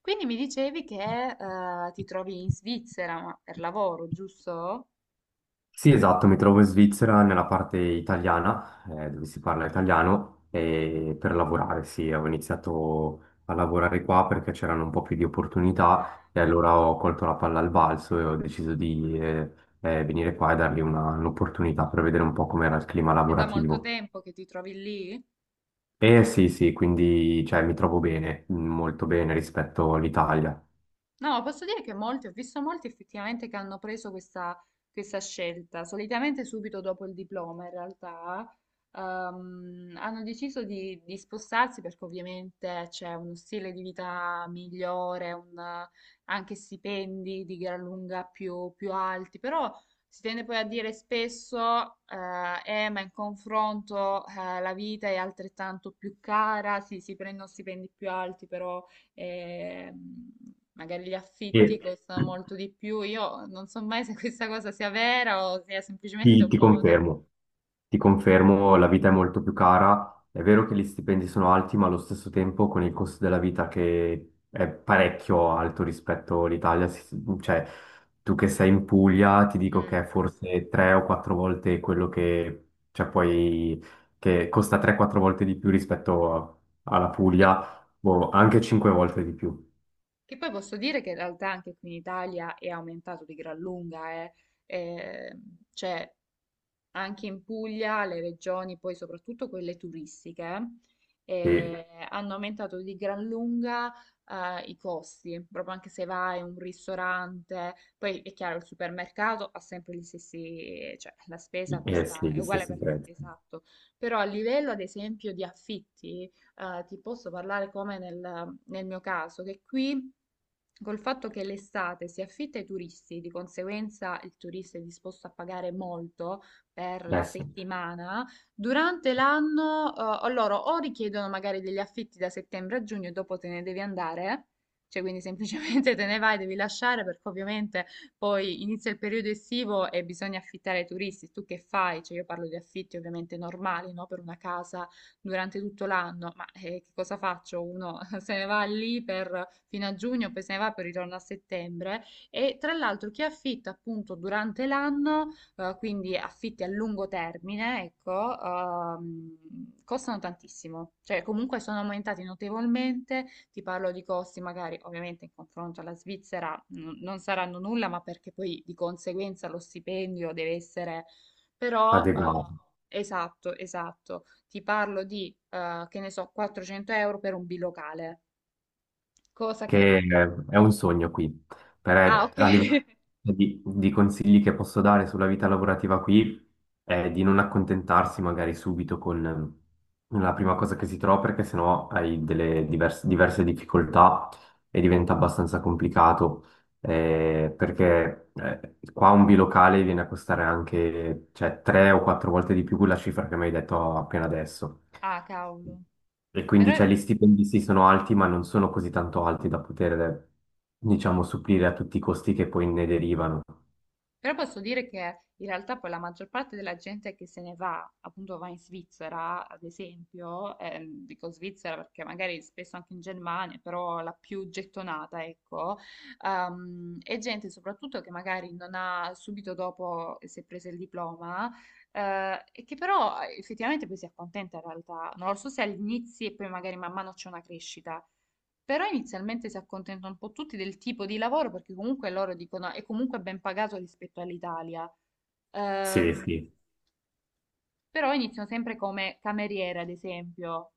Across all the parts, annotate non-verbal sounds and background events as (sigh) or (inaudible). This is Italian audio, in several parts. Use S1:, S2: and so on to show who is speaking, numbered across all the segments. S1: Quindi mi dicevi che ti trovi in Svizzera ma per lavoro, giusto?
S2: Sì, esatto, mi trovo in Svizzera, nella parte italiana, dove si parla italiano, e per lavorare, sì, ho iniziato a lavorare qua perché c'erano un po' più di
S1: Eh,
S2: opportunità e allora ho colto la palla al balzo e ho deciso di venire qua e dargli un'opportunità per vedere un po' com'era il clima
S1: È da molto
S2: lavorativo.
S1: tempo che ti trovi lì?
S2: E sì, sì, quindi cioè, mi trovo bene, molto bene rispetto all'Italia.
S1: No, posso dire che molti, ho visto molti effettivamente che hanno preso questa, questa scelta, solitamente subito dopo il diploma in realtà, hanno deciso di spostarsi perché ovviamente c'è uno stile di vita migliore, anche stipendi di gran lunga più alti, però si tende poi a dire spesso, ma in confronto, la vita è altrettanto più cara, sì, si prendono stipendi più alti, però e mh, magari gli
S2: E
S1: affitti costano molto di più. Io non so mai se questa cosa sia vera o sia semplicemente
S2: ti
S1: un
S2: ti
S1: modo.
S2: confermo. Ti confermo, la vita è molto più cara. È vero che gli stipendi sono alti, ma allo stesso tempo con il costo della vita che è parecchio alto rispetto all'Italia, cioè tu che sei in Puglia, ti dico
S1: Mm.
S2: che è forse tre o quattro volte quello che, cioè poi, che costa 3-4 volte di più rispetto alla
S1: Che,
S2: Puglia, boh, anche 5 volte di più.
S1: che poi posso dire che in realtà anche qui in Italia è aumentato di gran lunga, eh. Eh, cioè, anche in Puglia le regioni, poi soprattutto quelle turistiche,
S2: Sì,
S1: hanno aumentato di gran lunga i costi, proprio anche se vai in un ristorante, poi è chiaro il supermercato ha sempre gli stessi, cioè la spesa
S2: eh
S1: costa,
S2: sì,
S1: è
S2: gli
S1: uguale
S2: stessi
S1: per tutti,
S2: prezzi.
S1: esatto, però a livello ad esempio di affitti, ti posso parlare come nel mio caso, che qui... Col fatto che l'estate si affitta ai turisti, di conseguenza il turista è disposto a pagare molto, per
S2: Eh
S1: la
S2: sì,
S1: settimana, durante l'anno o loro o richiedono magari degli affitti da settembre a giugno e dopo te ne devi andare, cioè quindi semplicemente (laughs) te ne vai, devi lasciare perché ovviamente poi inizia il periodo estivo e bisogna affittare ai turisti. Tu che fai? Cioè io parlo di affitti ovviamente normali, no? Per una casa durante tutto l'anno, ma che cosa faccio? Uno (laughs) se ne va lì per, fino a giugno, poi se ne va per ritorno a settembre. E tra l'altro chi affitta appunto durante l'anno quindi affitti a lungo termine, ecco, costano tantissimo, cioè comunque sono aumentati notevolmente, ti parlo di costi magari ovviamente in confronto alla Svizzera non saranno nulla, ma perché poi di conseguenza lo stipendio deve essere però...
S2: adeguati.
S1: Esatto, esatto. Ti parlo di, che ne so, 400 euro per un bilocale, cosa che...
S2: Che È un sogno qui.
S1: Ah,
S2: Per,
S1: ok.
S2: a livello
S1: (laughs)
S2: di consigli che posso dare sulla vita lavorativa qui è di non accontentarsi magari subito con la prima cosa che si trova, perché sennò hai delle diverse difficoltà e diventa abbastanza complicato perché qua un bilocale viene a costare anche, cioè, tre o quattro volte di più la cifra che mi hai detto appena adesso.
S1: Ah, cavolo.
S2: E quindi
S1: Però...
S2: cioè, gli stipendi sì sono alti, ma non sono così tanto alti da poter, diciamo, supplire a tutti i costi che poi ne derivano.
S1: Però posso dire che in realtà poi la maggior parte della gente che se ne va, appunto va in Svizzera, ad esempio, dico Svizzera perché magari spesso anche in Germania, però la più gettonata, ecco, è gente soprattutto che magari non ha subito dopo che si è presa il diploma, e che però effettivamente poi si accontenta in realtà, non lo so se all'inizio e poi magari man mano c'è una crescita. Però inizialmente si accontentano un po' tutti del tipo di lavoro perché comunque loro dicono è comunque ben pagato rispetto all'Italia.
S2: Sì,
S1: Ehm,
S2: sì.
S1: Però iniziano sempre come cameriere, ad esempio.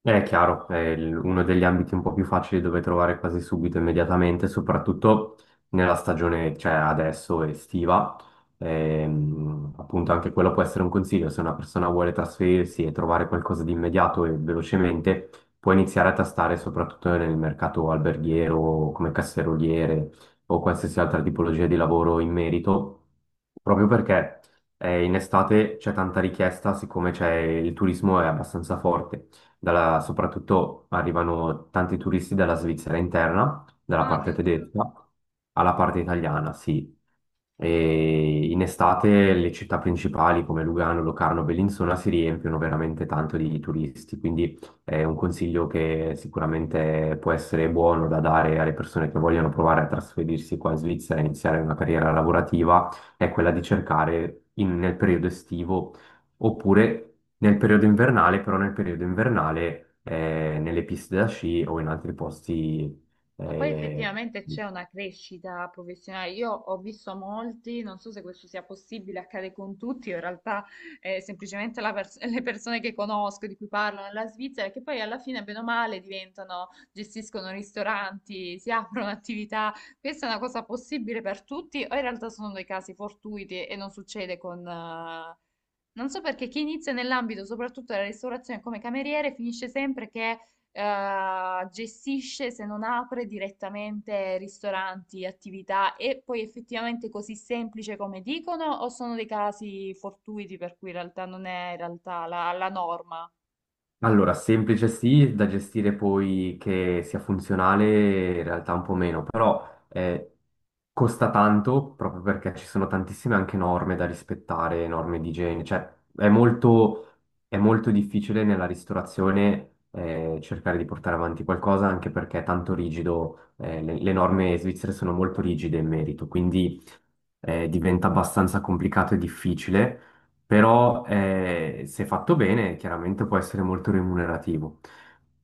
S2: È chiaro, è uno degli ambiti un po' più facili dove trovare quasi subito, immediatamente, soprattutto nella stagione, cioè adesso estiva. Appunto, anche quello può essere un consiglio. Se una persona vuole trasferirsi e trovare qualcosa di immediato e velocemente, può iniziare a tastare soprattutto nel mercato alberghiero, come
S1: Mm.
S2: casseroliere o qualsiasi altra tipologia di lavoro in merito, proprio perché in estate c'è tanta richiesta, siccome c'è il turismo è abbastanza forte soprattutto arrivano tanti turisti dalla Svizzera interna, dalla
S1: Ah, ah,
S2: parte
S1: addirittura.
S2: tedesca alla parte italiana, sì. E in estate le città principali come Lugano, Locarno, Bellinzona si riempiono veramente tanto di turisti, quindi è un consiglio che sicuramente può essere buono da dare alle persone che vogliono provare a trasferirsi qua in Svizzera e iniziare una carriera lavorativa, è quella di cercare nel periodo estivo oppure nel periodo invernale, però nel periodo invernale nelle piste da sci o in altri posti
S1: Ma poi
S2: eh,
S1: effettivamente c'è una crescita professionale. Io ho visto molti, non so se questo sia possibile, accade con tutti, in realtà semplicemente la le persone che conosco, di cui parlo nella Svizzera, che poi alla fine, bene o male, diventano, gestiscono ristoranti, si aprono attività. Questa è una cosa possibile per tutti, o in realtà sono dei casi fortuiti e non succede con... Non so perché chi inizia nell'ambito soprattutto della ristorazione come cameriere finisce sempre che gestisce, se non apre direttamente ristoranti, attività, e poi effettivamente così semplice come dicono, o sono dei casi fortuiti per cui in realtà non è in realtà la norma?
S2: allora, semplice sì, da gestire poi che sia funzionale, in realtà un po' meno, però eh, costa tanto proprio perché ci sono tantissime anche norme da rispettare, norme di igiene, cioè è molto, è molto difficile nella ristorazione cercare di portare avanti qualcosa anche perché è tanto rigido, le norme svizzere sono molto rigide in merito, quindi diventa abbastanza complicato e difficile però se fatto bene chiaramente può essere molto remunerativo.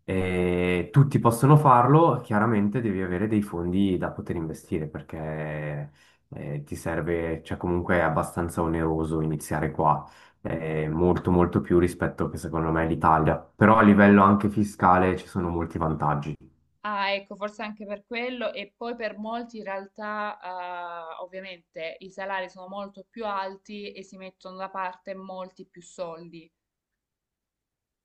S2: Tutti possono farlo, chiaramente devi avere dei fondi da poter investire perché ti serve, cioè comunque è abbastanza oneroso iniziare qua, molto molto più rispetto che secondo me l'Italia, però a livello anche fiscale ci sono molti vantaggi.
S1: Ah, ecco, forse anche per quello, e poi per molti in realtà, ovviamente i salari sono molto più alti e si mettono da parte molti più soldi.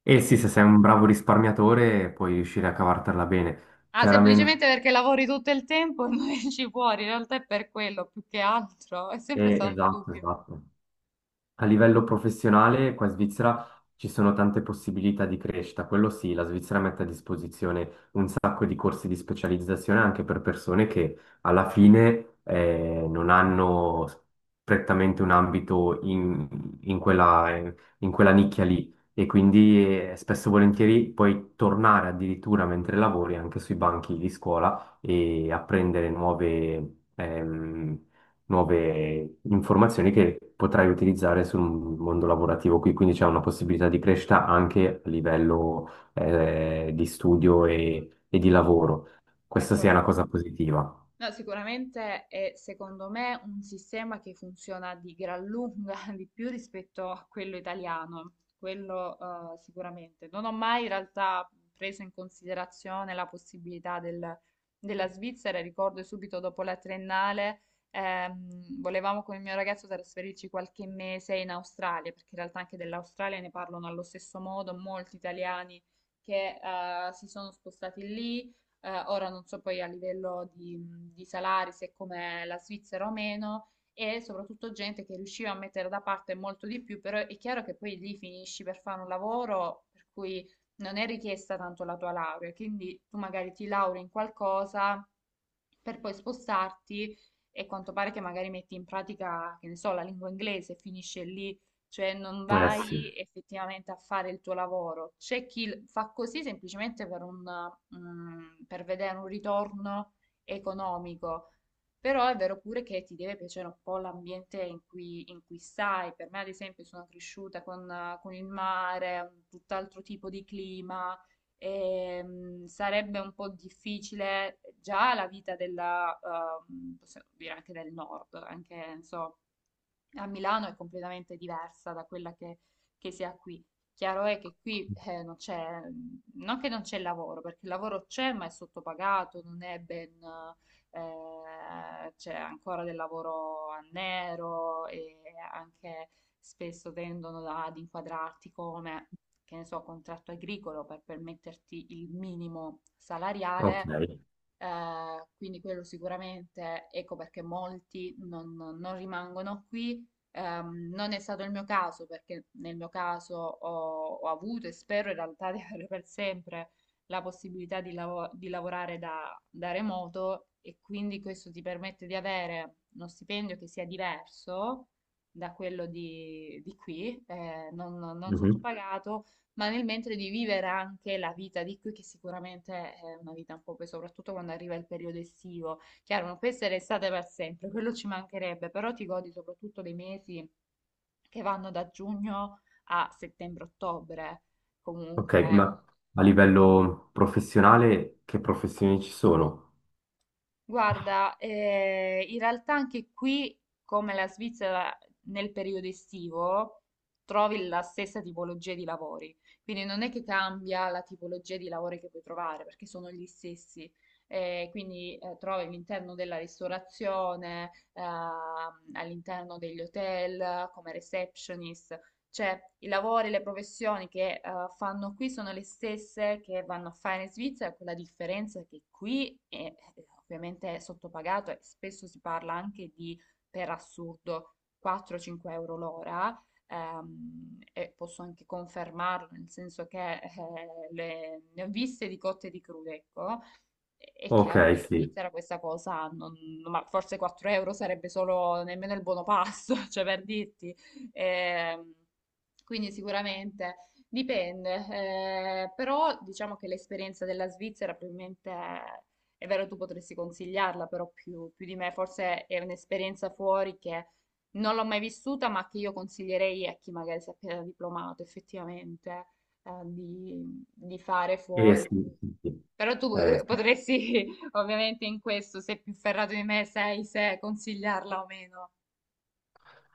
S2: E
S1: E
S2: sì, se
S1: questo.
S2: sei un bravo risparmiatore puoi riuscire a cavartela bene,
S1: Ah,
S2: chiaramente.
S1: semplicemente perché lavori tutto il tempo (laughs) e non esci fuori, in realtà è per quello più che altro, è sempre stato il mio
S2: Esatto,
S1: dubbio.
S2: esatto. A livello professionale, qua in Svizzera ci sono tante possibilità di crescita, quello sì, la Svizzera mette a disposizione un sacco di corsi di specializzazione anche per persone che alla fine non hanno prettamente un ambito in quella, in quella nicchia lì e quindi spesso e volentieri puoi tornare addirittura mentre lavori anche sui banchi di scuola e apprendere nuove... nuove informazioni che potrai utilizzare sul mondo lavorativo qui, quindi c'è una possibilità di crescita anche a livello di studio e di lavoro.
S1: È
S2: Questa sia
S1: forma-
S2: una cosa positiva.
S1: No, sicuramente è secondo me un sistema che funziona di gran lunga (laughs) di più rispetto a quello italiano, quello sicuramente. Non ho mai in realtà preso in considerazione la possibilità della Svizzera, ricordo subito dopo la triennale volevamo con il mio ragazzo trasferirci qualche mese in Australia, perché in realtà anche dell'Australia ne parlano allo stesso modo molti italiani che si sono spostati lì ora non so poi a livello di, salari se come la Svizzera o meno, e soprattutto gente che riusciva a mettere da parte molto di più, però è chiaro che poi lì finisci per fare un lavoro per cui non è richiesta tanto la tua laurea, quindi tu magari ti lauri in qualcosa per poi spostarti e quanto pare che magari metti in pratica, che ne so, la lingua inglese, finisce lì, cioè non
S2: Eh sì,
S1: vai effettivamente a fare il tuo lavoro. C'è chi fa così semplicemente per vedere un ritorno economico, però è vero pure che ti deve piacere un po' l'ambiente in cui stai. Per me, ad esempio, sono cresciuta con il mare, un tutt'altro tipo di clima. E, sarebbe un po' difficile già la vita della, possiamo dire anche del nord, anche, non so, a Milano è completamente diversa da quella che si ha qui. Chiaro è che qui non c'è, non che non c'è lavoro, perché il lavoro c'è, ma è sottopagato, non è ben, c'è ancora del lavoro a nero e anche spesso tendono ad inquadrarti come, che ne so, contratto agricolo per permetterti il minimo
S2: ok.
S1: salariale quindi quello sicuramente, ecco perché molti non rimangono qui. Non è stato il mio caso, perché nel mio caso ho avuto e spero in realtà di (laughs) avere per sempre la possibilità di lavorare da remoto e quindi questo ti permette di avere uno stipendio che sia diverso da quello di qui, non
S2: Mhm.
S1: sottopagato ma nel mentre di vivere anche la vita di qui, che sicuramente è una vita un po' poi, soprattutto quando arriva il periodo estivo. Chiaro, non può essere estate per sempre, quello ci mancherebbe, però ti godi soprattutto dei mesi che vanno da giugno a settembre-ottobre.
S2: Ok,
S1: Comunque.
S2: ma a livello professionale che professioni ci sono?
S1: Guarda, in realtà anche qui, come la Svizzera nel periodo estivo, trovi la stessa tipologia di lavori. Quindi non è che cambia la tipologia di lavori che puoi trovare, perché sono gli stessi. Quindi trovi all'interno della ristorazione, all'interno degli hotel, come receptionist. Cioè, i lavori, le professioni che fanno qui sono le stesse che vanno a fare in Svizzera, con la differenza che qui è ovviamente è sottopagato e spesso si parla anche di, per assurdo, 4-5 euro l'ora. E posso anche confermarlo, nel senso che ne ho viste di cotte e di crude, ecco. È
S2: Ok,
S1: chiaro che in
S2: sì.
S1: Svizzera questa cosa, non- ma forse 4 euro sarebbe solo nemmeno il buono pasto, (laughs) cioè per dirti. Ehm, quindi sicuramente dipende, però diciamo che l'esperienza della Svizzera probabilmente è vero, tu potresti consigliarla, però più di me, forse è un'esperienza fuori che non l'ho mai vissuta, ma che io consiglierei a chi magari si è appena diplomato effettivamente di fare
S2: Eh
S1: fuori.
S2: sì, sì, sì.
S1: Però tu
S2: Sì.
S1: potresti, (laughs) ovviamente in questo, se più ferrato di me sei, se consigliarla o meno.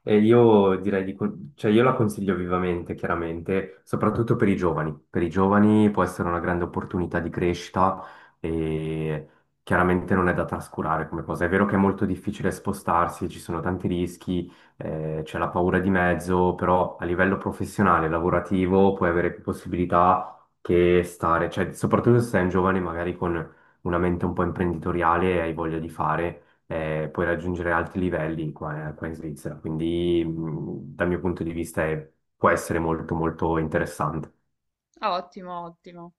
S2: E io direi di, cioè io la consiglio vivamente, chiaramente, soprattutto per i giovani. Per i giovani può essere una grande opportunità di crescita e chiaramente non è da trascurare come cosa. È vero che è molto difficile spostarsi, ci sono tanti rischi, c'è la paura di mezzo, però a livello professionale, lavorativo, puoi avere più possibilità che stare, cioè soprattutto se sei un giovane magari con una mente un po' imprenditoriale e hai voglia di fare puoi raggiungere alti livelli qua, qua in Svizzera. Quindi, dal mio punto di vista, può essere molto, molto interessante.
S1: Ah, ottimo, ottimo.